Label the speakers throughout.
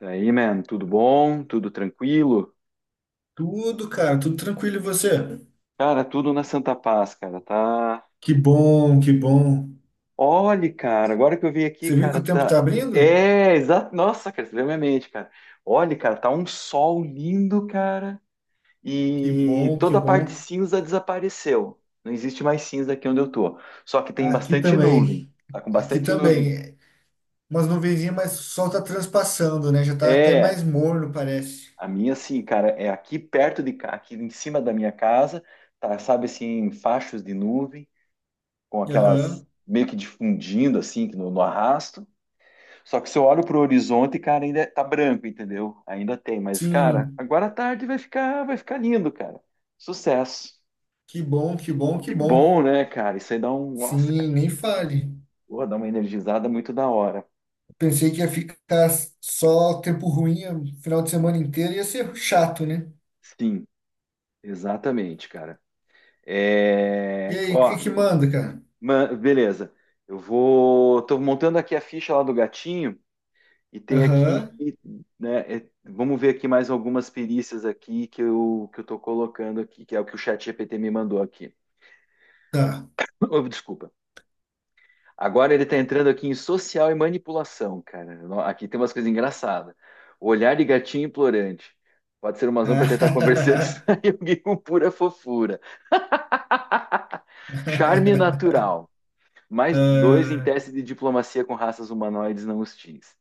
Speaker 1: Daí, man, tudo bom? Tudo tranquilo?
Speaker 2: Tudo, cara, tudo tranquilo e você?
Speaker 1: Cara, tudo na Santa Paz, cara, tá?
Speaker 2: Que bom, que bom.
Speaker 1: Olha, cara, agora que eu vi aqui,
Speaker 2: Você viu que
Speaker 1: cara,
Speaker 2: o tempo
Speaker 1: tá.
Speaker 2: tá abrindo?
Speaker 1: É, exato. Nossa, cara, você veio à minha mente, cara. Olha, cara, tá um sol lindo, cara,
Speaker 2: Que
Speaker 1: e
Speaker 2: bom, que
Speaker 1: toda a parte
Speaker 2: bom.
Speaker 1: cinza desapareceu. Não existe mais cinza aqui onde eu tô. Só que tem
Speaker 2: Aqui
Speaker 1: bastante nuvem.
Speaker 2: também.
Speaker 1: Tá com
Speaker 2: Aqui
Speaker 1: bastante nuvem.
Speaker 2: também. Umas nuvenzinhas, mas o sol tá transpassando, né? Já tá até
Speaker 1: É,
Speaker 2: mais morno, parece.
Speaker 1: a minha, assim, cara, é aqui perto de cá, aqui em cima da minha casa, tá, sabe, assim, fachos de nuvem, com aquelas
Speaker 2: Aham.
Speaker 1: meio que difundindo assim no arrasto. Só que se eu olho pro horizonte, cara, ainda tá branco, entendeu? Ainda tem, mas cara,
Speaker 2: Sim.
Speaker 1: agora à tarde vai ficar lindo, cara. Sucesso.
Speaker 2: Que bom, que bom, que
Speaker 1: Que
Speaker 2: bom.
Speaker 1: bom, né, cara? Isso aí dá um, nossa,
Speaker 2: Sim,
Speaker 1: cara,
Speaker 2: nem fale.
Speaker 1: pô, dá uma energizada muito da hora.
Speaker 2: Pensei que ia ficar só tempo ruim o final de semana inteiro, ia ser chato, né?
Speaker 1: Sim, exatamente, cara.
Speaker 2: E
Speaker 1: É,
Speaker 2: aí, o que
Speaker 1: ó,
Speaker 2: que manda, cara?
Speaker 1: beleza. Tô montando aqui a ficha lá do gatinho. E tem aqui,
Speaker 2: Aham.
Speaker 1: né, vamos ver aqui mais algumas perícias aqui que eu estou colocando aqui, que é o que o chat GPT me mandou aqui.
Speaker 2: Tá.
Speaker 1: Oh, desculpa. Agora ele está entrando aqui em social e manipulação, cara. Aqui tem umas coisas engraçadas. Olhar de gatinho implorante. Pode ser uma razão para tentar conversar. de alguém com pura fofura. Charme natural. Mais dois em
Speaker 2: Ah,
Speaker 1: teste de diplomacia com raças humanoides não hostis.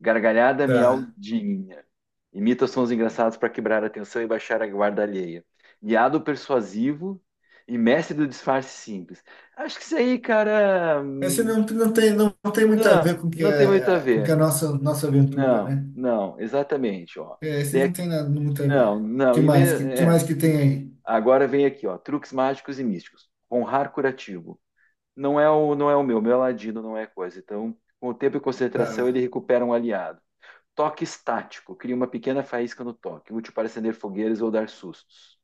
Speaker 1: Gargalhada
Speaker 2: tá.
Speaker 1: miaudinha. Imita sons engraçados para quebrar a atenção e baixar a guarda alheia. Guiado persuasivo e mestre do disfarce simples. Acho que isso aí, cara,
Speaker 2: Esse não, não tem, não, tem muito a ver
Speaker 1: não,
Speaker 2: com que
Speaker 1: não tem muito a
Speaker 2: a, com que a
Speaker 1: ver.
Speaker 2: nossa, nossa aventura,
Speaker 1: Não,
Speaker 2: né?
Speaker 1: não, exatamente, ó.
Speaker 2: É, esses
Speaker 1: Daí
Speaker 2: não
Speaker 1: aqui-
Speaker 2: tem nada muito a
Speaker 1: não,
Speaker 2: ver. Que
Speaker 1: não,
Speaker 2: mais? Que mais que tem aí?
Speaker 1: Agora vem aqui, ó, truques mágicos e místicos. Honrar curativo. Não é o meu, meu é ladino não é coisa. Então, com o tempo e concentração,
Speaker 2: Tá.
Speaker 1: ele recupera um aliado. Toque estático. Cria uma pequena faísca no toque, útil para acender fogueiras ou dar sustos.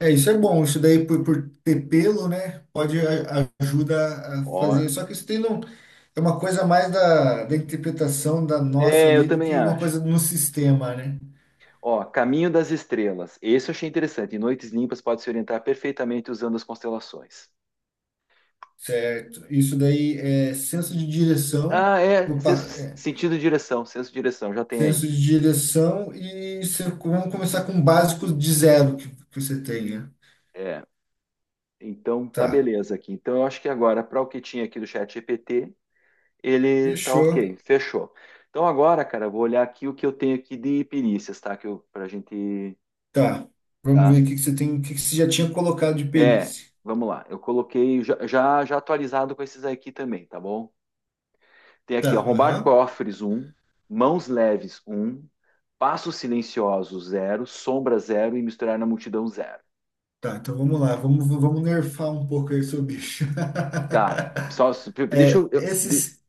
Speaker 2: É, isso é bom. Isso daí, por ter pelo, né? Pode ajuda a
Speaker 1: Ó,
Speaker 2: fazer. Só que isso tem não, é uma coisa mais da interpretação da nossa
Speaker 1: é, eu
Speaker 2: ali do
Speaker 1: também
Speaker 2: que uma
Speaker 1: acho.
Speaker 2: coisa no sistema, né?
Speaker 1: Ó, Caminho das Estrelas. Esse eu achei interessante. Em noites limpas pode se orientar perfeitamente usando as constelações.
Speaker 2: Certo. Isso daí é senso de direção.
Speaker 1: Ah, é. Sentido de direção. Senso de direção, já tem aí.
Speaker 2: Senso de direção e você, vamos começar com básicos de zero que você tenha.
Speaker 1: É. Então, tá
Speaker 2: Tá,
Speaker 1: beleza aqui. Então, eu acho que agora, para o que tinha aqui do chat GPT, ele tá
Speaker 2: fechou.
Speaker 1: ok. Fechou. Então, agora, cara, eu vou olhar aqui o que eu tenho aqui de perícias, tá? Que eu, pra gente.
Speaker 2: Tá, vamos
Speaker 1: Tá?
Speaker 2: ver o que você tem, o que você já tinha colocado de
Speaker 1: É,
Speaker 2: perícia.
Speaker 1: vamos lá. Eu coloquei já atualizado com esses aqui também, tá bom? Tem
Speaker 2: Tá,
Speaker 1: aqui, ó, arrombar
Speaker 2: aham.
Speaker 1: cofres um, mãos leves um, passos silenciosos zero, sombra zero e misturar na multidão zero.
Speaker 2: Tá, então vamos lá, vamos, vamos nerfar um pouco aí seu bicho.
Speaker 1: Tá. Só, deixa eu de-
Speaker 2: Esses,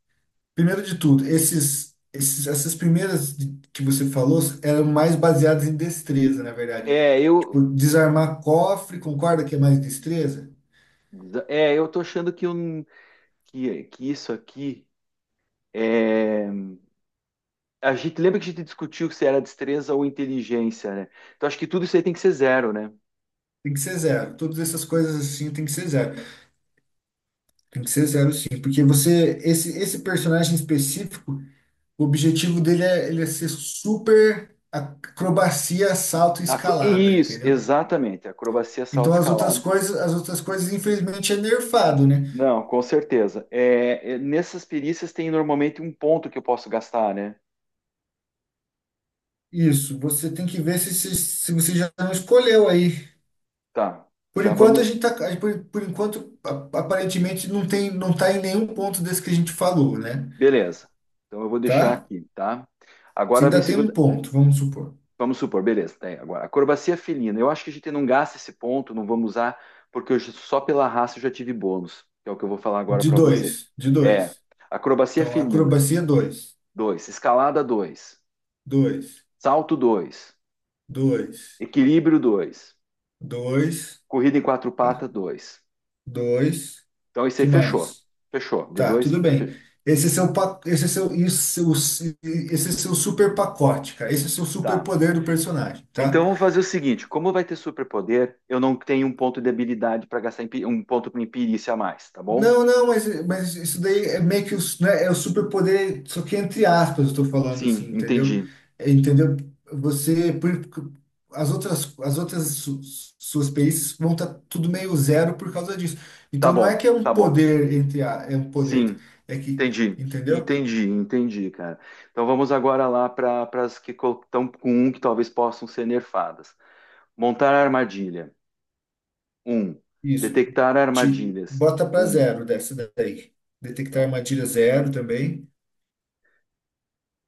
Speaker 2: primeiro de tudo, esses, esses, essas primeiras que você falou eram mais baseadas em destreza, na verdade.
Speaker 1: é,
Speaker 2: Tipo,
Speaker 1: eu
Speaker 2: desarmar cofre, concorda que é mais destreza?
Speaker 1: é, eu tô achando que isso aqui é a gente lembra que a gente discutiu se era destreza ou inteligência, né? Então acho que tudo isso aí tem que ser zero, né?
Speaker 2: Tem que ser zero. Todas essas coisas assim tem que ser zero. Tem que ser zero, sim. Porque você, esse personagem específico, o objetivo dele é, ele é ser super acrobacia, salto e escalada,
Speaker 1: Isso,
Speaker 2: entendeu?
Speaker 1: exatamente. Acrobacia, salto,
Speaker 2: Então
Speaker 1: escalada.
Speaker 2: as outras coisas, infelizmente, é nerfado, né?
Speaker 1: Não, com certeza. Nessas perícias tem normalmente um ponto que eu posso gastar, né?
Speaker 2: Isso, você tem que ver se você já não escolheu aí.
Speaker 1: Tá,
Speaker 2: Por
Speaker 1: já
Speaker 2: enquanto a
Speaker 1: vamos.
Speaker 2: gente tá, por enquanto aparentemente não tem, não tá em nenhum ponto desse que a gente falou, né?
Speaker 1: Beleza. Então eu vou deixar
Speaker 2: Tá?
Speaker 1: aqui, tá?
Speaker 2: Se
Speaker 1: Agora vem
Speaker 2: ainda tem um
Speaker 1: segunda.
Speaker 2: ponto, vamos supor.
Speaker 1: Vamos supor, beleza. Tá aí, agora, acrobacia felina. Eu acho que a gente não gasta esse ponto, não vamos usar, porque só pela raça eu já tive bônus, que é o que eu vou falar agora
Speaker 2: De
Speaker 1: para você.
Speaker 2: dois, de
Speaker 1: É,
Speaker 2: dois.
Speaker 1: acrobacia
Speaker 2: Então,
Speaker 1: felina,
Speaker 2: acrobacia dois.
Speaker 1: dois, escalada, 2,
Speaker 2: Dois,
Speaker 1: salto, 2,
Speaker 2: dois,
Speaker 1: equilíbrio, 2,
Speaker 2: dois,
Speaker 1: corrida em quatro
Speaker 2: é,
Speaker 1: patas, 2.
Speaker 2: dois.
Speaker 1: Então isso aí
Speaker 2: Que
Speaker 1: fechou.
Speaker 2: mais?
Speaker 1: Fechou. De
Speaker 2: Tá,
Speaker 1: dois,
Speaker 2: tudo
Speaker 1: tá.
Speaker 2: bem. Esse é seu, esse é seu, isso, esse é seu super pacote, cara. Esse é seu super
Speaker 1: Tá.
Speaker 2: poder do personagem, tá?
Speaker 1: Então vamos fazer o seguinte: como vai ter superpoder, eu não tenho um ponto de habilidade para gastar um ponto com imperícia a mais, tá bom?
Speaker 2: Não, não, mas isso daí é meio que os, né, é o superpoder, só que entre aspas eu estou falando
Speaker 1: Sim,
Speaker 2: assim, entendeu?
Speaker 1: entendi.
Speaker 2: É, entendeu? Você, as outras suas perícias vão estar tudo meio zero por causa disso.
Speaker 1: Tá
Speaker 2: Então não é
Speaker 1: bom,
Speaker 2: que é um
Speaker 1: tá bom.
Speaker 2: poder entre a, é um poder,
Speaker 1: Sim,
Speaker 2: é que,
Speaker 1: entendi.
Speaker 2: entendeu?
Speaker 1: Entendi, entendi, cara. Então vamos agora lá para as que estão com um que talvez possam ser nerfadas. Montar armadilha. Um.
Speaker 2: Isso,
Speaker 1: Detectar
Speaker 2: te
Speaker 1: armadilhas.
Speaker 2: bota para
Speaker 1: Um.
Speaker 2: zero dessa daí. Detectar
Speaker 1: Então,
Speaker 2: armadilha zero também,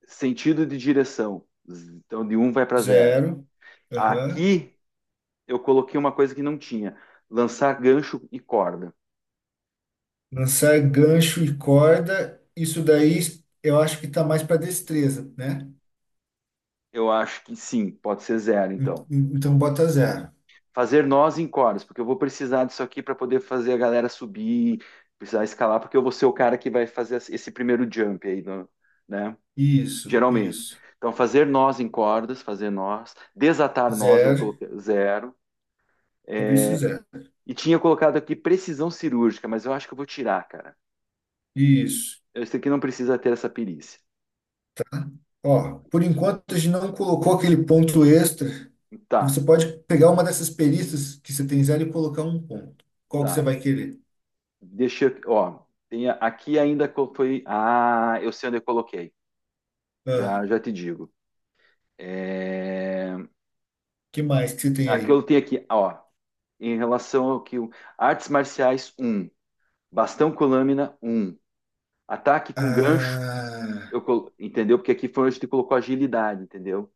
Speaker 1: sentido de direção. Então de um vai para zero.
Speaker 2: zero, aham.
Speaker 1: Aqui eu coloquei uma coisa que não tinha: lançar gancho e corda.
Speaker 2: Lançar gancho e corda, isso daí eu acho que tá mais para destreza, né?
Speaker 1: Eu acho que sim, pode ser zero,
Speaker 2: En-
Speaker 1: então.
Speaker 2: en- Então bota zero.
Speaker 1: Fazer nós em cordas, porque eu vou precisar disso aqui para poder fazer a galera subir, precisar escalar, porque eu vou ser o cara que vai fazer esse primeiro jump aí, né?
Speaker 2: Isso,
Speaker 1: Geralmente.
Speaker 2: isso.
Speaker 1: Então, fazer nós em cordas, fazer nós, desatar nós, eu
Speaker 2: Zero,
Speaker 1: coloquei zero.
Speaker 2: tudo
Speaker 1: É,
Speaker 2: isso zero.
Speaker 1: E tinha colocado aqui precisão cirúrgica, mas eu acho que eu vou tirar, cara.
Speaker 2: Isso.
Speaker 1: Esse aqui não precisa ter essa perícia.
Speaker 2: Ó, por enquanto a gente não colocou aquele ponto extra, que você
Speaker 1: Tá,
Speaker 2: pode pegar uma dessas perícias que você tem zero e colocar um ponto. Qual que você
Speaker 1: tá.
Speaker 2: vai querer?
Speaker 1: Deixa eu, ó, tem aqui ainda que eu fui. Ah, eu sei onde eu coloquei.
Speaker 2: Ah,
Speaker 1: Já, já te digo. É,
Speaker 2: que mais que você tem
Speaker 1: aqui eu
Speaker 2: aí?
Speaker 1: tenho aqui, ó, em relação ao que artes marciais um, bastão com lâmina 1, ataque com gancho,
Speaker 2: Ah,
Speaker 1: entendeu? Porque aqui foi onde tu colocou agilidade, entendeu?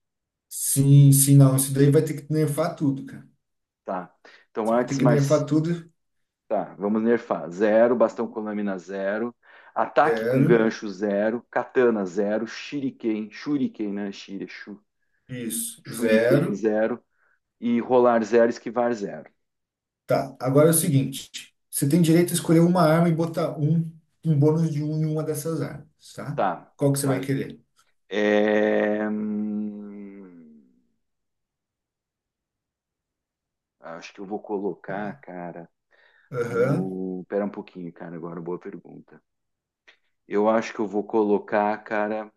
Speaker 2: sim, sim, não. Isso daí vai ter que nerfar tudo, cara.
Speaker 1: Tá. Então
Speaker 2: Você vai ter
Speaker 1: artes
Speaker 2: que
Speaker 1: marciais,
Speaker 2: nerfar tudo.
Speaker 1: tá, vamos nerfar. Zero, bastão com lâmina zero, ataque com
Speaker 2: Zero.
Speaker 1: gancho zero, katana zero, shuriken, né?
Speaker 2: Isso,
Speaker 1: Shuriken
Speaker 2: zero.
Speaker 1: zero e rolar 0, esquivar zero.
Speaker 2: Tá, agora é o seguinte: você tem direito a escolher uma arma e botar um, um bônus de um em uma dessas armas, tá?
Speaker 1: Tá,
Speaker 2: Qual que você vai
Speaker 1: tá.
Speaker 2: querer?
Speaker 1: É, hum, Acho que eu vou colocar, cara,
Speaker 2: Aham,
Speaker 1: no. Pera um pouquinho, cara, agora boa pergunta. Eu acho que eu vou colocar, cara.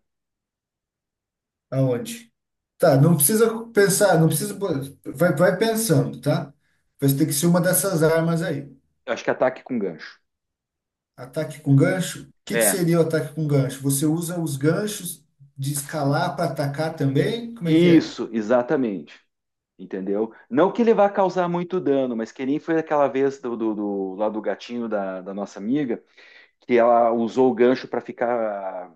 Speaker 2: aonde? Tá, não precisa pensar, não precisa. Vai, vai pensando, tá? Vai ter que ser uma dessas armas aí.
Speaker 1: Acho que ataque com gancho.
Speaker 2: Ataque com gancho? O que que
Speaker 1: É.
Speaker 2: seria o ataque com gancho? Você usa os ganchos de escalar para atacar também? Como é que é?
Speaker 1: Isso, exatamente. Entendeu? Não que ele vá causar muito dano, mas que nem foi aquela vez do lá do gatinho da nossa amiga, que ela usou o gancho para ficar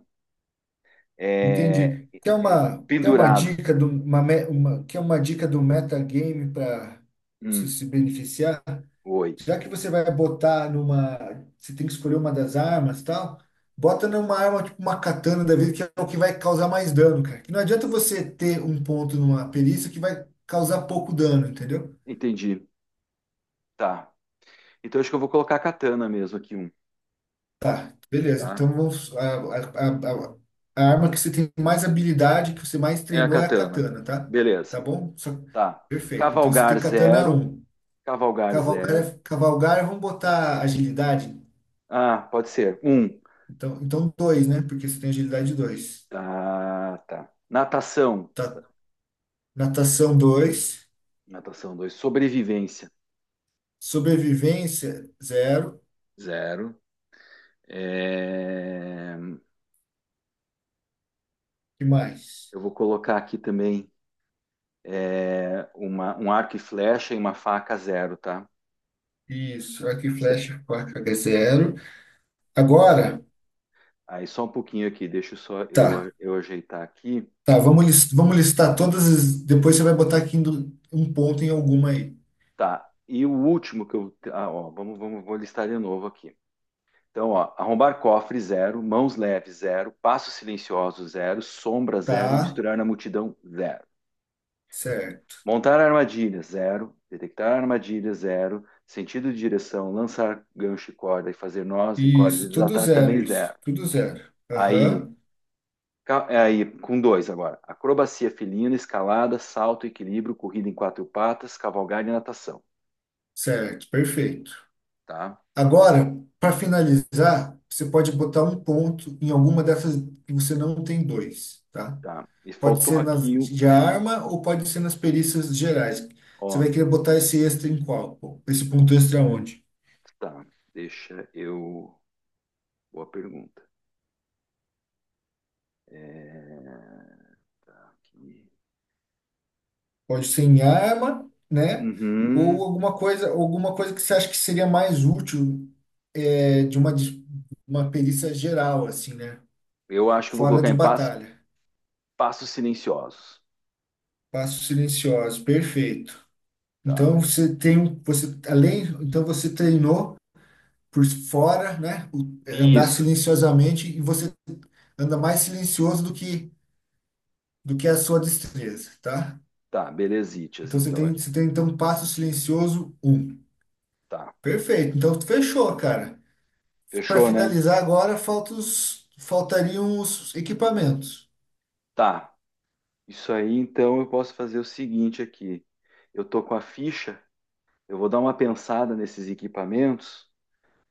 Speaker 1: é,
Speaker 2: Entendi.
Speaker 1: É,
Speaker 2: Quer uma
Speaker 1: pendurado.
Speaker 2: dica do, uma, uma, quer uma dica do metagame para se,
Speaker 1: Hum,
Speaker 2: se beneficiar?
Speaker 1: oi.
Speaker 2: Já que você vai botar numa. Você tem que escolher uma das armas e tal, bota numa arma tipo uma katana da vida, que é o que vai causar mais dano, cara. Que não adianta você ter um ponto numa perícia que vai causar pouco dano, entendeu?
Speaker 1: Entendi. Tá. Então acho que eu vou colocar a katana mesmo aqui,
Speaker 2: Tá, beleza.
Speaker 1: tá?
Speaker 2: Então vamos. A, a a arma que você tem mais habilidade, que você mais
Speaker 1: É a
Speaker 2: treinou é a
Speaker 1: katana.
Speaker 2: katana, tá? Tá
Speaker 1: Beleza.
Speaker 2: bom?
Speaker 1: Tá.
Speaker 2: Perfeito. Então você tem
Speaker 1: Cavalgar
Speaker 2: katana
Speaker 1: zero.
Speaker 2: um.
Speaker 1: Cavalgar
Speaker 2: Cavalgar,
Speaker 1: zero.
Speaker 2: cavalgar, vamos botar agilidade.
Speaker 1: Ah, pode ser. Um.
Speaker 2: Então, então dois, né? Porque você tem agilidade dois.
Speaker 1: Tá, tá. Natação.
Speaker 2: Tá, natação dois.
Speaker 1: Natação dois. Sobrevivência.
Speaker 2: Sobrevivência zero.
Speaker 1: Zero. É,
Speaker 2: E mais?
Speaker 1: Eu vou colocar aqui também um arco e flecha e uma faca zero, tá?
Speaker 2: Isso. Arco e
Speaker 1: Esse-
Speaker 2: flecha, faca é 0.
Speaker 1: esse-
Speaker 2: Agora,
Speaker 1: Aí só um pouquinho aqui, deixa eu só
Speaker 2: tá.
Speaker 1: eu, eu ajeitar aqui.
Speaker 2: Tá, vamos, vamos listar todas as. Depois você vai botar aqui um ponto em alguma aí.
Speaker 1: Tá. E o último que eu. Ah, ó, vou listar de novo aqui. Então, ó, arrombar cofre, zero. Mãos leves, zero. Passo silencioso, zero. Sombra, zero.
Speaker 2: Tá,
Speaker 1: Misturar na multidão, zero.
Speaker 2: certo.
Speaker 1: Montar armadilha, zero. Detectar armadilha, zero. Sentido de direção, lançar gancho e corda e fazer nós em cordas e
Speaker 2: Isso, tudo
Speaker 1: desatar também,
Speaker 2: zero, isso.
Speaker 1: zero.
Speaker 2: Tudo zero.
Speaker 1: Aí,
Speaker 2: Aham,
Speaker 1: é aí, com dois agora. Acrobacia felina, escalada, salto, equilíbrio, corrida em quatro patas, cavalgada e natação.
Speaker 2: certo, perfeito.
Speaker 1: Tá?
Speaker 2: Agora, para finalizar, você pode botar um ponto em alguma dessas que você não tem dois, tá?
Speaker 1: Tá. E
Speaker 2: Pode
Speaker 1: faltou
Speaker 2: ser nas
Speaker 1: aqui,
Speaker 2: de arma ou pode ser nas perícias gerais. Você
Speaker 1: ó.
Speaker 2: vai querer botar esse extra em qual? Pô? Esse ponto extra onde?
Speaker 1: Tá, deixa eu. Boa pergunta. É, tá aqui.
Speaker 2: Pode ser em arma, né? Ou
Speaker 1: Uhum.
Speaker 2: alguma coisa que você acha que seria mais útil é, de uma, uma perícia geral, assim, né?
Speaker 1: Eu acho que eu vou
Speaker 2: Fora
Speaker 1: colocar
Speaker 2: de
Speaker 1: em
Speaker 2: batalha.
Speaker 1: passos silenciosos,
Speaker 2: Passos silenciosos, perfeito.
Speaker 1: tá?
Speaker 2: Então você tem, você além, então você treinou por fora, né? O andar
Speaker 1: Isso.
Speaker 2: silenciosamente e você anda mais silencioso do que a sua destreza, tá?
Speaker 1: Tá, belezitas,
Speaker 2: Então
Speaker 1: então.
Speaker 2: você tem então um passo silencioso um.
Speaker 1: Tá.
Speaker 2: Perfeito. Então fechou, cara. Para
Speaker 1: Fechou, né?
Speaker 2: finalizar agora, faltariam os equipamentos.
Speaker 1: Tá. Isso aí, então, eu posso fazer o seguinte aqui. Eu tô com a ficha, eu vou dar uma pensada nesses equipamentos,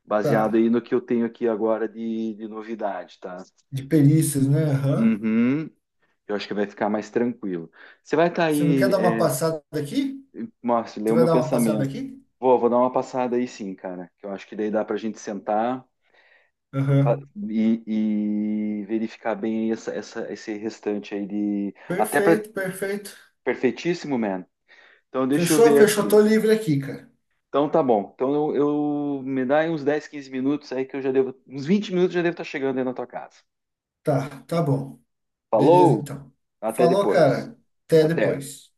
Speaker 1: baseado
Speaker 2: Tá.
Speaker 1: aí no que eu tenho aqui agora de novidade, tá?
Speaker 2: De perícias, né? Aham.
Speaker 1: Uhum. Eu acho que vai ficar mais tranquilo. Você vai estar
Speaker 2: Você não quer
Speaker 1: aí.
Speaker 2: dar uma passada aqui?
Speaker 1: Márcio,
Speaker 2: Você
Speaker 1: leu
Speaker 2: vai
Speaker 1: meu
Speaker 2: dar uma passada
Speaker 1: pensamento.
Speaker 2: aqui?
Speaker 1: Vou, vou dar uma passada aí sim, cara. Que eu acho que daí dá pra gente sentar pa-
Speaker 2: Aham.
Speaker 1: e, e verificar bem aí esse restante aí de. Até pra...
Speaker 2: Perfeito, perfeito.
Speaker 1: perfeitíssimo, man. Então deixa eu
Speaker 2: Fechou,
Speaker 1: ver
Speaker 2: fechou.
Speaker 1: aqui.
Speaker 2: Tô livre aqui, cara.
Speaker 1: Então tá bom. Então me dá aí uns 10, 15 minutos aí que eu já devo. Uns 20 minutos eu já devo estar chegando aí na tua casa.
Speaker 2: Tá, tá bom. Beleza,
Speaker 1: Falou!
Speaker 2: então.
Speaker 1: Até
Speaker 2: Falou,
Speaker 1: depois.
Speaker 2: cara. Até
Speaker 1: Até.
Speaker 2: depois.